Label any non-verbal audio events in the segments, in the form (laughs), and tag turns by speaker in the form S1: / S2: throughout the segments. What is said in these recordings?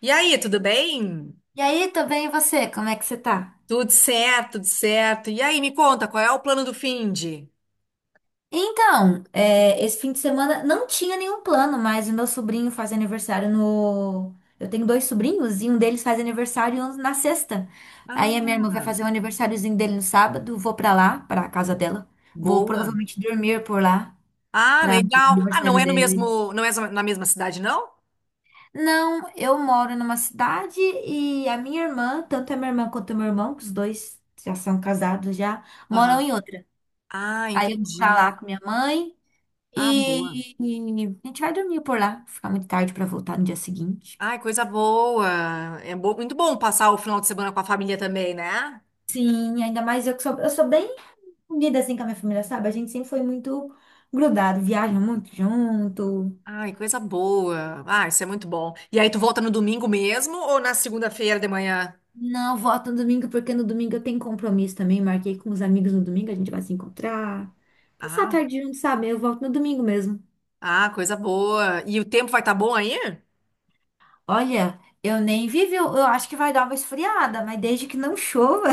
S1: E aí, tudo bem?
S2: E aí, tô bem, e você? Como é que você tá?
S1: Tudo certo, tudo certo. E aí, me conta, qual é o plano do Find?
S2: Esse fim de semana não tinha nenhum plano, mas o meu sobrinho faz aniversário no. Eu tenho dois sobrinhos e um deles faz aniversário na sexta. Aí a minha irmã vai
S1: Ah,
S2: fazer o aniversáriozinho dele no sábado, vou pra lá, pra casa dela. Vou
S1: boa.
S2: provavelmente dormir por lá,
S1: Ah,
S2: pra o
S1: legal. Ah, não
S2: aniversário
S1: é no
S2: dele.
S1: mesmo, não é na mesma cidade, não?
S2: Não, eu moro numa cidade e a minha irmã, tanto a minha irmã quanto o meu irmão, que os dois já são casados já, moram
S1: Aham.
S2: em outra.
S1: Ah,
S2: Aí eu vou pra
S1: entendi.
S2: lá com minha mãe.
S1: Ah, boa.
S2: E a gente vai dormir por lá, ficar muito tarde pra voltar no dia seguinte.
S1: Ai, coisa boa. Muito bom passar o final de semana com a família também, né?
S2: Sim, ainda mais eu que sou, eu sou bem unida assim com a minha família, sabe? A gente sempre foi muito grudado, viaja muito junto.
S1: Ai, coisa boa. Ah, isso é muito bom. E aí, tu volta no domingo mesmo ou na segunda-feira de manhã?
S2: Não, volto no domingo, porque no domingo eu tenho compromisso também. Marquei com os amigos no domingo, a gente vai se encontrar. Passar a
S1: Ah,
S2: tarde junto, sabe? Eu volto no domingo mesmo.
S1: ah, coisa boa. E o tempo vai estar bom aí?
S2: Olha, eu nem vivi, eu acho que vai dar uma esfriada, mas desde que não chova,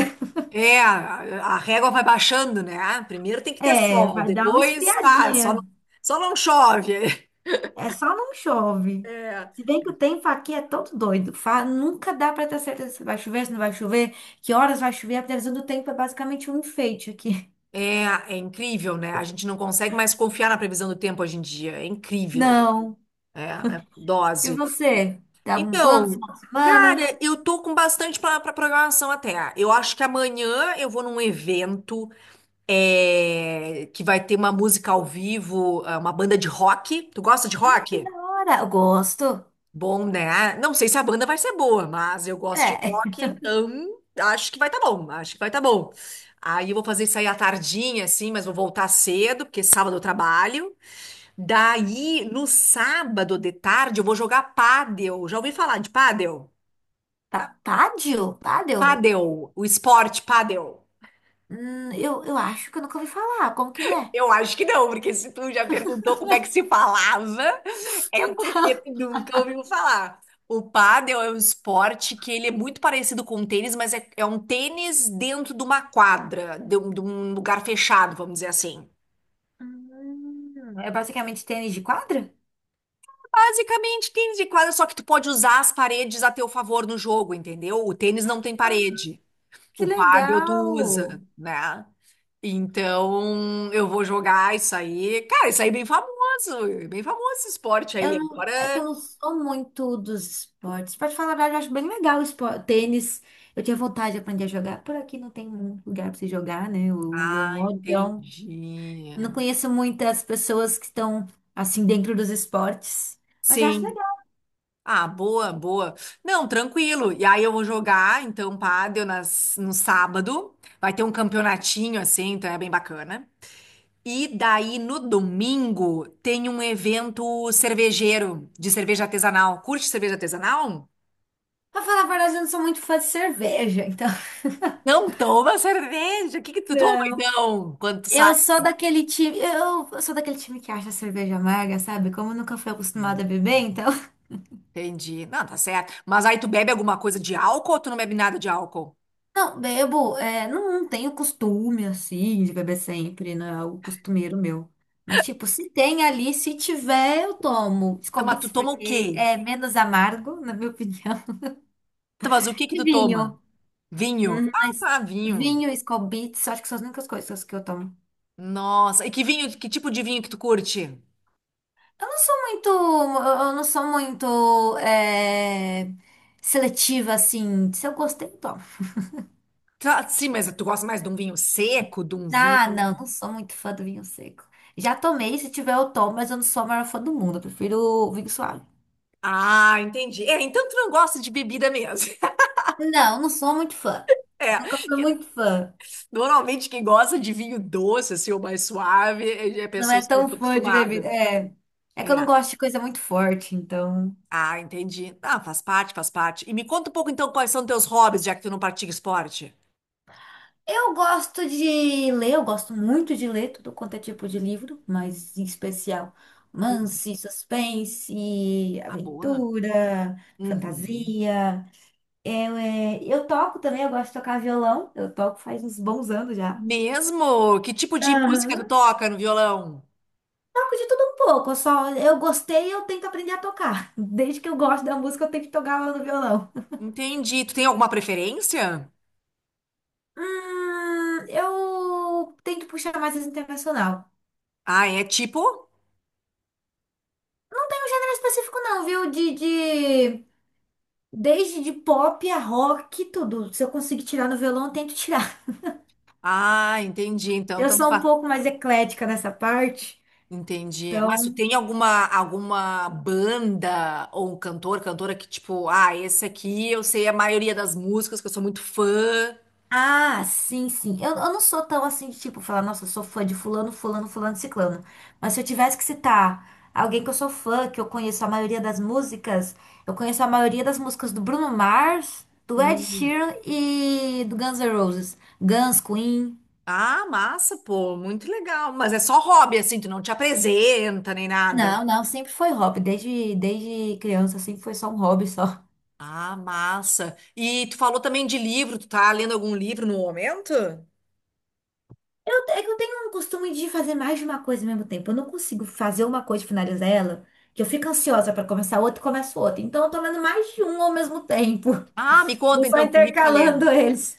S1: É, a régua vai baixando, né? Ah, primeiro tem
S2: (laughs)
S1: que ter
S2: é,
S1: sol,
S2: vai dar uma
S1: depois tá,
S2: esfriadinha.
S1: só não chove. (laughs)
S2: É só não chove.
S1: É.
S2: Se bem que o tempo aqui é todo doido. Nunca dá para ter certeza se vai chover, se não vai chover, que horas vai chover. A previsão do tempo é basicamente um enfeite aqui. (laughs)
S1: É, é incrível, né? A gente não consegue mais confiar na previsão do tempo hoje em dia. É incrível.
S2: Não.
S1: É, é
S2: E
S1: dose.
S2: você? Dá um plano
S1: Então,
S2: final de semana?
S1: cara, eu tô com bastante pra programação até. Eu acho que amanhã eu vou num evento que vai ter uma música ao vivo, uma banda de rock. Tu gosta de
S2: Ai, que
S1: rock?
S2: da hora. Eu gosto.
S1: Bom, né? Não sei se a banda vai ser boa, mas eu gosto de
S2: É.
S1: rock, então acho que vai tá bom, acho que vai tá bom. Aí eu vou fazer isso aí à tardinha, assim, mas vou voltar cedo, porque sábado eu trabalho. Daí, no sábado de tarde, eu vou jogar pádel. Já ouvi falar de pádel?
S2: (laughs) Pádio? Pádio?
S1: Pádel, o esporte pádel.
S2: Eu acho que eu nunca ouvi falar. Como que ele é?
S1: Eu acho que não, porque se tu já perguntou como é que se falava, (laughs)
S2: (laughs)
S1: é porque
S2: Então.
S1: tu nunca ouviu falar. O pádel é um esporte que ele é muito parecido com o tênis, mas é, é um tênis dentro de uma quadra, de um lugar fechado, vamos dizer assim.
S2: É basicamente tênis de quadra?
S1: Basicamente, tênis de quadra, só que tu pode usar as paredes a teu favor no jogo, entendeu? O tênis não tem parede.
S2: Que
S1: O Paddle tu
S2: legal!
S1: usa, né? Então, eu vou jogar isso aí. Cara, isso aí é bem famoso esse esporte aí.
S2: Eu não, é que eu
S1: Agora,
S2: não sou muito dos esportes. Pra te falar a verdade, eu acho bem legal o esporte. Tênis, eu tinha vontade de aprender a jogar. Por aqui não tem muito lugar pra você jogar, né? Onde eu
S1: ah,
S2: moro, então
S1: entendi.
S2: não conheço muitas pessoas que estão assim dentro dos esportes. Mas eu acho
S1: Sim.
S2: legal.
S1: Ah, boa, boa. Não, tranquilo. E aí eu vou jogar, então, pádel no sábado. Vai ter um campeonatinho assim, então é bem bacana. E daí no domingo tem um evento cervejeiro de cerveja artesanal. Curte cerveja artesanal?
S2: Pra falar a verdade, eu não sou muito fã de cerveja, então. (laughs)
S1: Não toma cerveja. O que que tu toma
S2: Não.
S1: então quando tu sai?
S2: Eu sou daquele time, eu sou daquele time que acha a cerveja amarga, sabe? Como eu nunca fui acostumada a beber, então.
S1: Entendi. Não, tá certo. Mas aí tu bebe alguma coisa de álcool ou tu não bebe nada de álcool?
S2: Não, bebo, não, tenho costume assim de beber sempre, não é algo costumeiro meu. Mas, tipo, se tem ali, se tiver, eu tomo
S1: Tá,
S2: Skol
S1: mas tu
S2: Beats,
S1: toma o
S2: porque
S1: quê?
S2: é menos amargo, na minha opinião. (laughs)
S1: Tá, mas o que que
S2: E
S1: tu
S2: vinho.
S1: toma? Vinho. Ah,
S2: Mas
S1: tá, vinho.
S2: vinho e Skol Beats, acho que são as únicas coisas que eu tomo.
S1: Nossa, e que vinho, que tipo de vinho que tu curte?
S2: Eu não sou muito, eu não sou muito seletiva, assim. Se eu gostei, eu tomo.
S1: Tá, sim, mas tu gosta mais de um vinho seco, de um
S2: Ah, não,
S1: vinho.
S2: não sou muito fã do vinho seco. Já tomei, se tiver eu tomo, mas eu não sou a maior fã do mundo. Eu prefiro o vinho suave.
S1: Ah, entendi. É, então tu não gosta de bebida mesmo. (laughs)
S2: Não, não sou muito fã. Nunca
S1: É,
S2: fui
S1: que-
S2: muito fã.
S1: normalmente quem gosta de vinho doce, assim, ou mais suave, é
S2: Não é
S1: pessoas que não
S2: tão
S1: estão
S2: fã de
S1: acostumadas.
S2: bebida. É, é que eu não
S1: É.
S2: gosto de coisa muito forte, então.
S1: Ah, entendi. Ah, faz parte, faz parte. E me conta um pouco então quais são teus hobbies, já que tu não pratica esporte.
S2: Eu gosto de ler, eu gosto muito de ler tudo quanto é tipo de livro, mas em especial
S1: Hum,
S2: romance, suspense,
S1: Ah, boa.
S2: aventura,
S1: Uhum.
S2: fantasia. Eu toco também, eu gosto de tocar violão. Eu toco faz uns bons anos já.
S1: Mesmo? Que tipo de música tu
S2: Aham.
S1: toca no violão?
S2: Toco de tudo um pouco, eu gostei, eu tento aprender a tocar. (laughs) Desde que eu gosto da música, eu tenho que tocar ela no violão.
S1: Entendi. Tu tem alguma preferência?
S2: Eu tento puxar mais esse internacional. Não
S1: Ah, é tipo?
S2: tem um gênero específico não, viu? De desde de pop a rock, tudo. Se eu conseguir tirar no violão, eu tento tirar.
S1: Ah, entendi. Então,
S2: Eu
S1: tanto
S2: sou um
S1: faz.
S2: pouco mais eclética nessa parte.
S1: Entendi. Mas tu
S2: Então,
S1: tem alguma banda ou um cantor, cantora que tipo, ah, esse aqui eu sei a maioria das músicas, que eu sou muito fã.
S2: ah, sim, sim. Eu não sou tão assim de tipo falar, nossa, eu sou fã de fulano, fulano, fulano, ciclano. Mas se eu tivesse que citar alguém que eu sou fã, que eu conheço a maioria das músicas, eu conheço a maioria das músicas do Bruno Mars, do Ed
S1: Hum.
S2: Sheeran e do Guns N' Roses. Guns, Queen.
S1: Ah, massa, pô, muito legal. Mas é só hobby, assim, tu não te apresenta nem nada.
S2: Não, não, sempre foi hobby. Desde criança, sempre foi só um hobby só.
S1: Ah, massa. E tu falou também de livro, tu tá lendo algum livro no momento?
S2: É que eu tenho um costume de fazer mais de uma coisa ao mesmo tempo. Eu não consigo fazer uma coisa e finalizar ela, que eu fico ansiosa para começar outra e começo outra. Então eu tô lendo mais de um ao mesmo tempo.
S1: Ah, me
S2: (laughs) Vou
S1: conta
S2: só
S1: então que livro tá lendo.
S2: intercalando eles.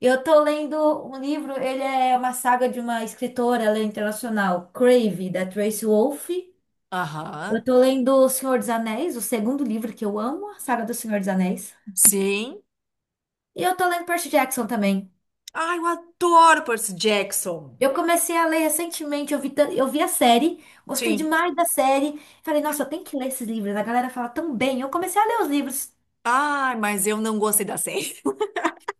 S2: Eu tô lendo um livro, ele é uma saga de uma escritora, ela é internacional, Crave, da Tracy Wolfe. Eu
S1: Aham,
S2: tô lendo O Senhor dos Anéis, o segundo livro que eu amo, a saga do Senhor dos Anéis.
S1: sim.
S2: E eu tô lendo Percy Jackson também.
S1: Ai, eu adoro Percy Jackson.
S2: Eu comecei a ler recentemente, eu vi a série, gostei
S1: Sim.
S2: demais da série. Falei, nossa, eu tenho que ler esses livros, a galera fala tão bem. Eu comecei a ler os livros.
S1: Ai, mas eu não gostei da série.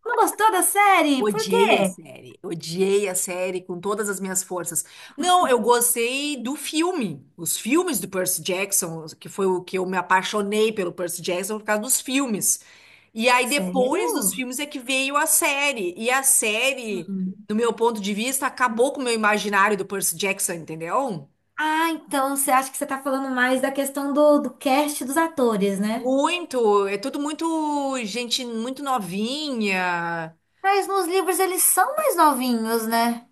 S2: Não gostou da série? Por
S1: Odiei a
S2: quê?
S1: série, odiei a série com todas as minhas forças. Não, eu gostei do filme, os filmes do Percy Jackson, que foi o que eu me apaixonei pelo Percy Jackson por causa dos filmes. E aí depois dos
S2: Sério?
S1: filmes é que veio a série, e a série,
S2: Sim.
S1: do meu ponto de vista, acabou com o meu imaginário do Percy Jackson, entendeu?
S2: Ah, então você acha que você tá falando mais da questão do cast dos atores, né?
S1: Muito, é tudo muito gente muito novinha,
S2: Mas nos livros eles são mais novinhos, né?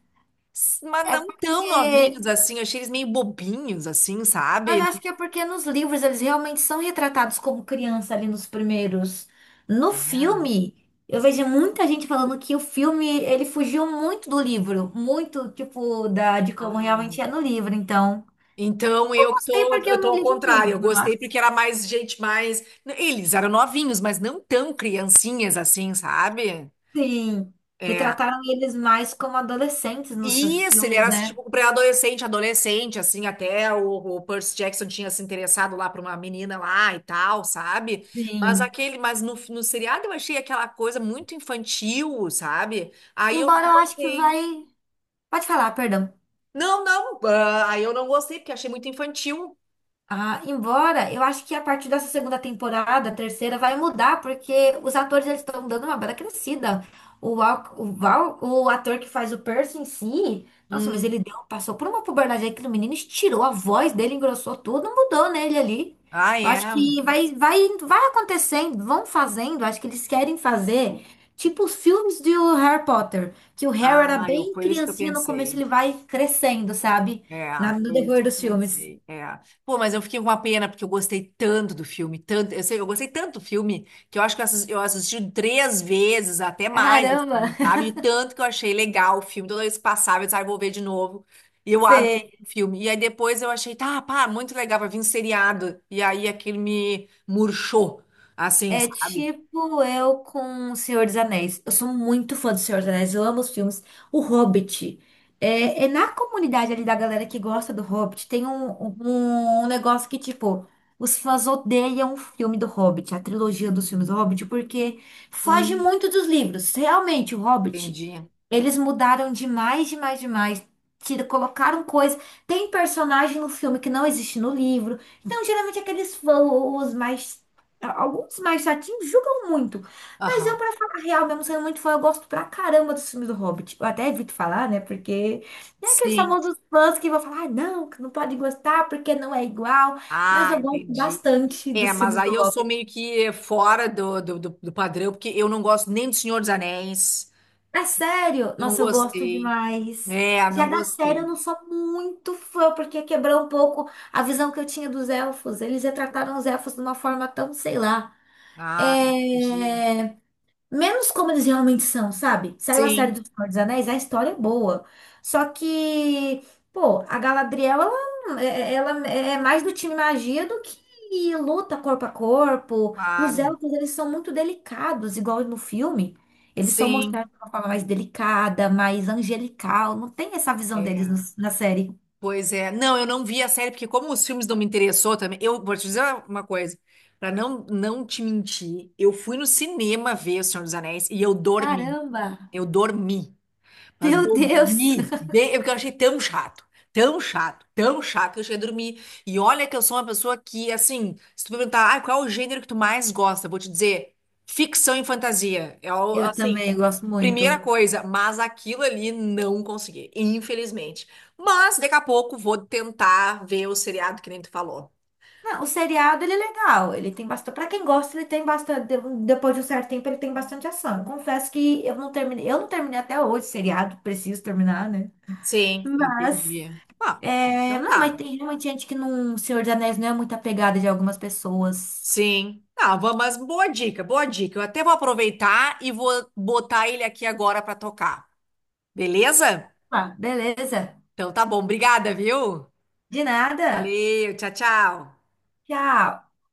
S1: mas
S2: É
S1: não tão
S2: porque
S1: novinhos assim, eu achei eles meio bobinhos assim,
S2: mas eu
S1: sabe?
S2: acho que é porque nos livros eles realmente são retratados como criança ali nos primeiros. No
S1: É.
S2: filme, eu vejo muita gente falando que o filme ele fugiu muito do livro, muito tipo da de como
S1: Ah,
S2: realmente é no livro. Então,
S1: então
S2: eu gostei porque
S1: eu
S2: eu
S1: tô
S2: não
S1: ao
S2: ligo
S1: contrário, eu
S2: muito,
S1: gostei
S2: mas
S1: porque era mais gente mais, né? Eles eram novinhos, mas não tão criancinhas assim, sabe?
S2: sim,
S1: É.
S2: retrataram eles mais como adolescentes nos
S1: Isso, ele
S2: filmes,
S1: era
S2: né?
S1: tipo pré-adolescente, adolescente, assim, até o Percy Jackson tinha se interessado lá pra uma menina lá e tal, sabe? Mas
S2: Sim.
S1: aquele, mas no seriado eu achei aquela coisa muito infantil, sabe? Aí eu
S2: Embora
S1: não
S2: eu acho que
S1: gostei.
S2: vai. Pode falar, perdão.
S1: Não, não, ah, aí eu não gostei porque achei muito infantil.
S2: Ah, embora eu acho que a partir dessa segunda temporada, terceira, vai mudar, porque os atores eles estão dando uma bela crescida. Val, o ator que faz o Percy em si, nossa, mas
S1: Hum.
S2: ele deu, passou por uma puberdade aí que o menino estirou a voz dele, engrossou tudo, mudou nele ali.
S1: Ah,
S2: Eu
S1: é.
S2: acho que vai acontecendo, vão fazendo, acho que eles querem fazer tipo os filmes do Harry Potter, que o Harry era
S1: Ah, eu,
S2: bem
S1: foi isso que eu
S2: criancinha no começo,
S1: pensei.
S2: ele vai crescendo, sabe?
S1: É,
S2: No
S1: foi isso
S2: decorrer
S1: que eu
S2: dos filmes.
S1: pensei. É. Pô, mas eu fiquei com uma pena, porque eu gostei tanto do filme, tanto, eu sei, eu gostei tanto do filme, que eu acho que eu assisti três vezes, até mais,
S2: Caramba!
S1: assim, sabe? E tanto que eu achei legal o filme, toda vez que passava, eu disse, ah, eu vou ver de novo. E eu adoro
S2: Sei.
S1: o filme. E aí depois eu achei, tá, pá, muito legal, vai vir um seriado. E aí aquilo me murchou, assim,
S2: É
S1: sabe?
S2: tipo eu com O Senhor dos Anéis. Eu sou muito fã do Senhor dos Anéis, eu amo os filmes. O Hobbit. É, é na comunidade ali da galera que gosta do Hobbit, tem um negócio que, tipo, os fãs odeiam o filme do Hobbit, a trilogia dos filmes do Hobbit, porque foge
S1: Hum,
S2: muito dos livros. Realmente, o Hobbit,
S1: entendi.
S2: eles mudaram demais, demais, demais. Colocaram coisa. Tem personagem no filme que não existe no livro. Então, geralmente, aqueles fãs, os mais alguns mais chatinhos julgam muito. Mas eu,
S1: Aham.
S2: pra falar a real, mesmo sendo muito fã, eu gosto pra caramba dos filmes do Hobbit. Eu até evito falar, né? Porque é aqueles
S1: Sim.
S2: famosos fãs que vão falar, ah, não, que não pode gostar porque não é igual. Mas
S1: Ah,
S2: eu gosto
S1: entendi.
S2: bastante
S1: É,
S2: dos
S1: mas
S2: filmes
S1: aí
S2: do
S1: eu sou
S2: Hobbit.
S1: meio que fora do padrão, porque eu não gosto nem do Senhor dos Anéis.
S2: É sério?
S1: Não
S2: Nossa, eu gosto
S1: gostei.
S2: demais.
S1: É,
S2: Já
S1: não
S2: da série eu
S1: gostei.
S2: não sou muito fã, porque quebrou um pouco a visão que eu tinha dos elfos. Eles retrataram os elfos de uma forma tão, sei lá.
S1: Ah, entendi.
S2: É... menos como eles realmente são, sabe? Saiu a série
S1: Sim,
S2: do Senhor dos Anéis, a história é boa. Só que, pô, a Galadriel, ela, é, ela é mais do time magia do que luta corpo a corpo. E os
S1: claro.
S2: elfos, eles são muito delicados, igual no filme. Eles são
S1: Sim.
S2: mostrados de uma forma mais delicada, mais angelical. Não tem essa visão deles
S1: É.
S2: na série.
S1: Pois é. Não, eu não vi a série, porque como os filmes não me interessou também, eu vou te dizer uma coisa, para não, não te mentir, eu fui no cinema ver O Senhor dos Anéis e eu dormi.
S2: Caramba!
S1: Eu dormi. Mas
S2: Meu Deus!
S1: dormir, bem, é porque eu achei tão chato, tão chato, tão chato que eu cheguei a dormir. E olha que eu sou uma pessoa que, assim, se tu perguntar, ah, qual é o gênero que tu mais gosta? Eu vou te dizer, ficção e fantasia. É,
S2: Eu
S1: assim,
S2: também gosto
S1: primeira
S2: muito.
S1: coisa, mas aquilo ali não consegui, infelizmente. Mas daqui a pouco vou tentar ver o seriado que nem tu falou.
S2: Não, o seriado ele é legal, ele tem bastante. Pra quem gosta, ele tem Depois de um certo tempo, ele tem bastante ação. Eu confesso que eu não terminei até hoje o seriado, preciso terminar, né?
S1: Sim,
S2: Mas,
S1: entendi. Ah,
S2: é,
S1: então
S2: não, mas
S1: tá.
S2: tem realmente gente que não, Senhor dos Anéis não é muito apegada de algumas pessoas.
S1: Sim. Ah, mas boa dica, boa dica. Eu até vou aproveitar e vou botar ele aqui agora para tocar. Beleza?
S2: Ah, beleza.
S1: Então tá bom. Obrigada, viu?
S2: De nada.
S1: Valeu, tchau, tchau.
S2: Tchau.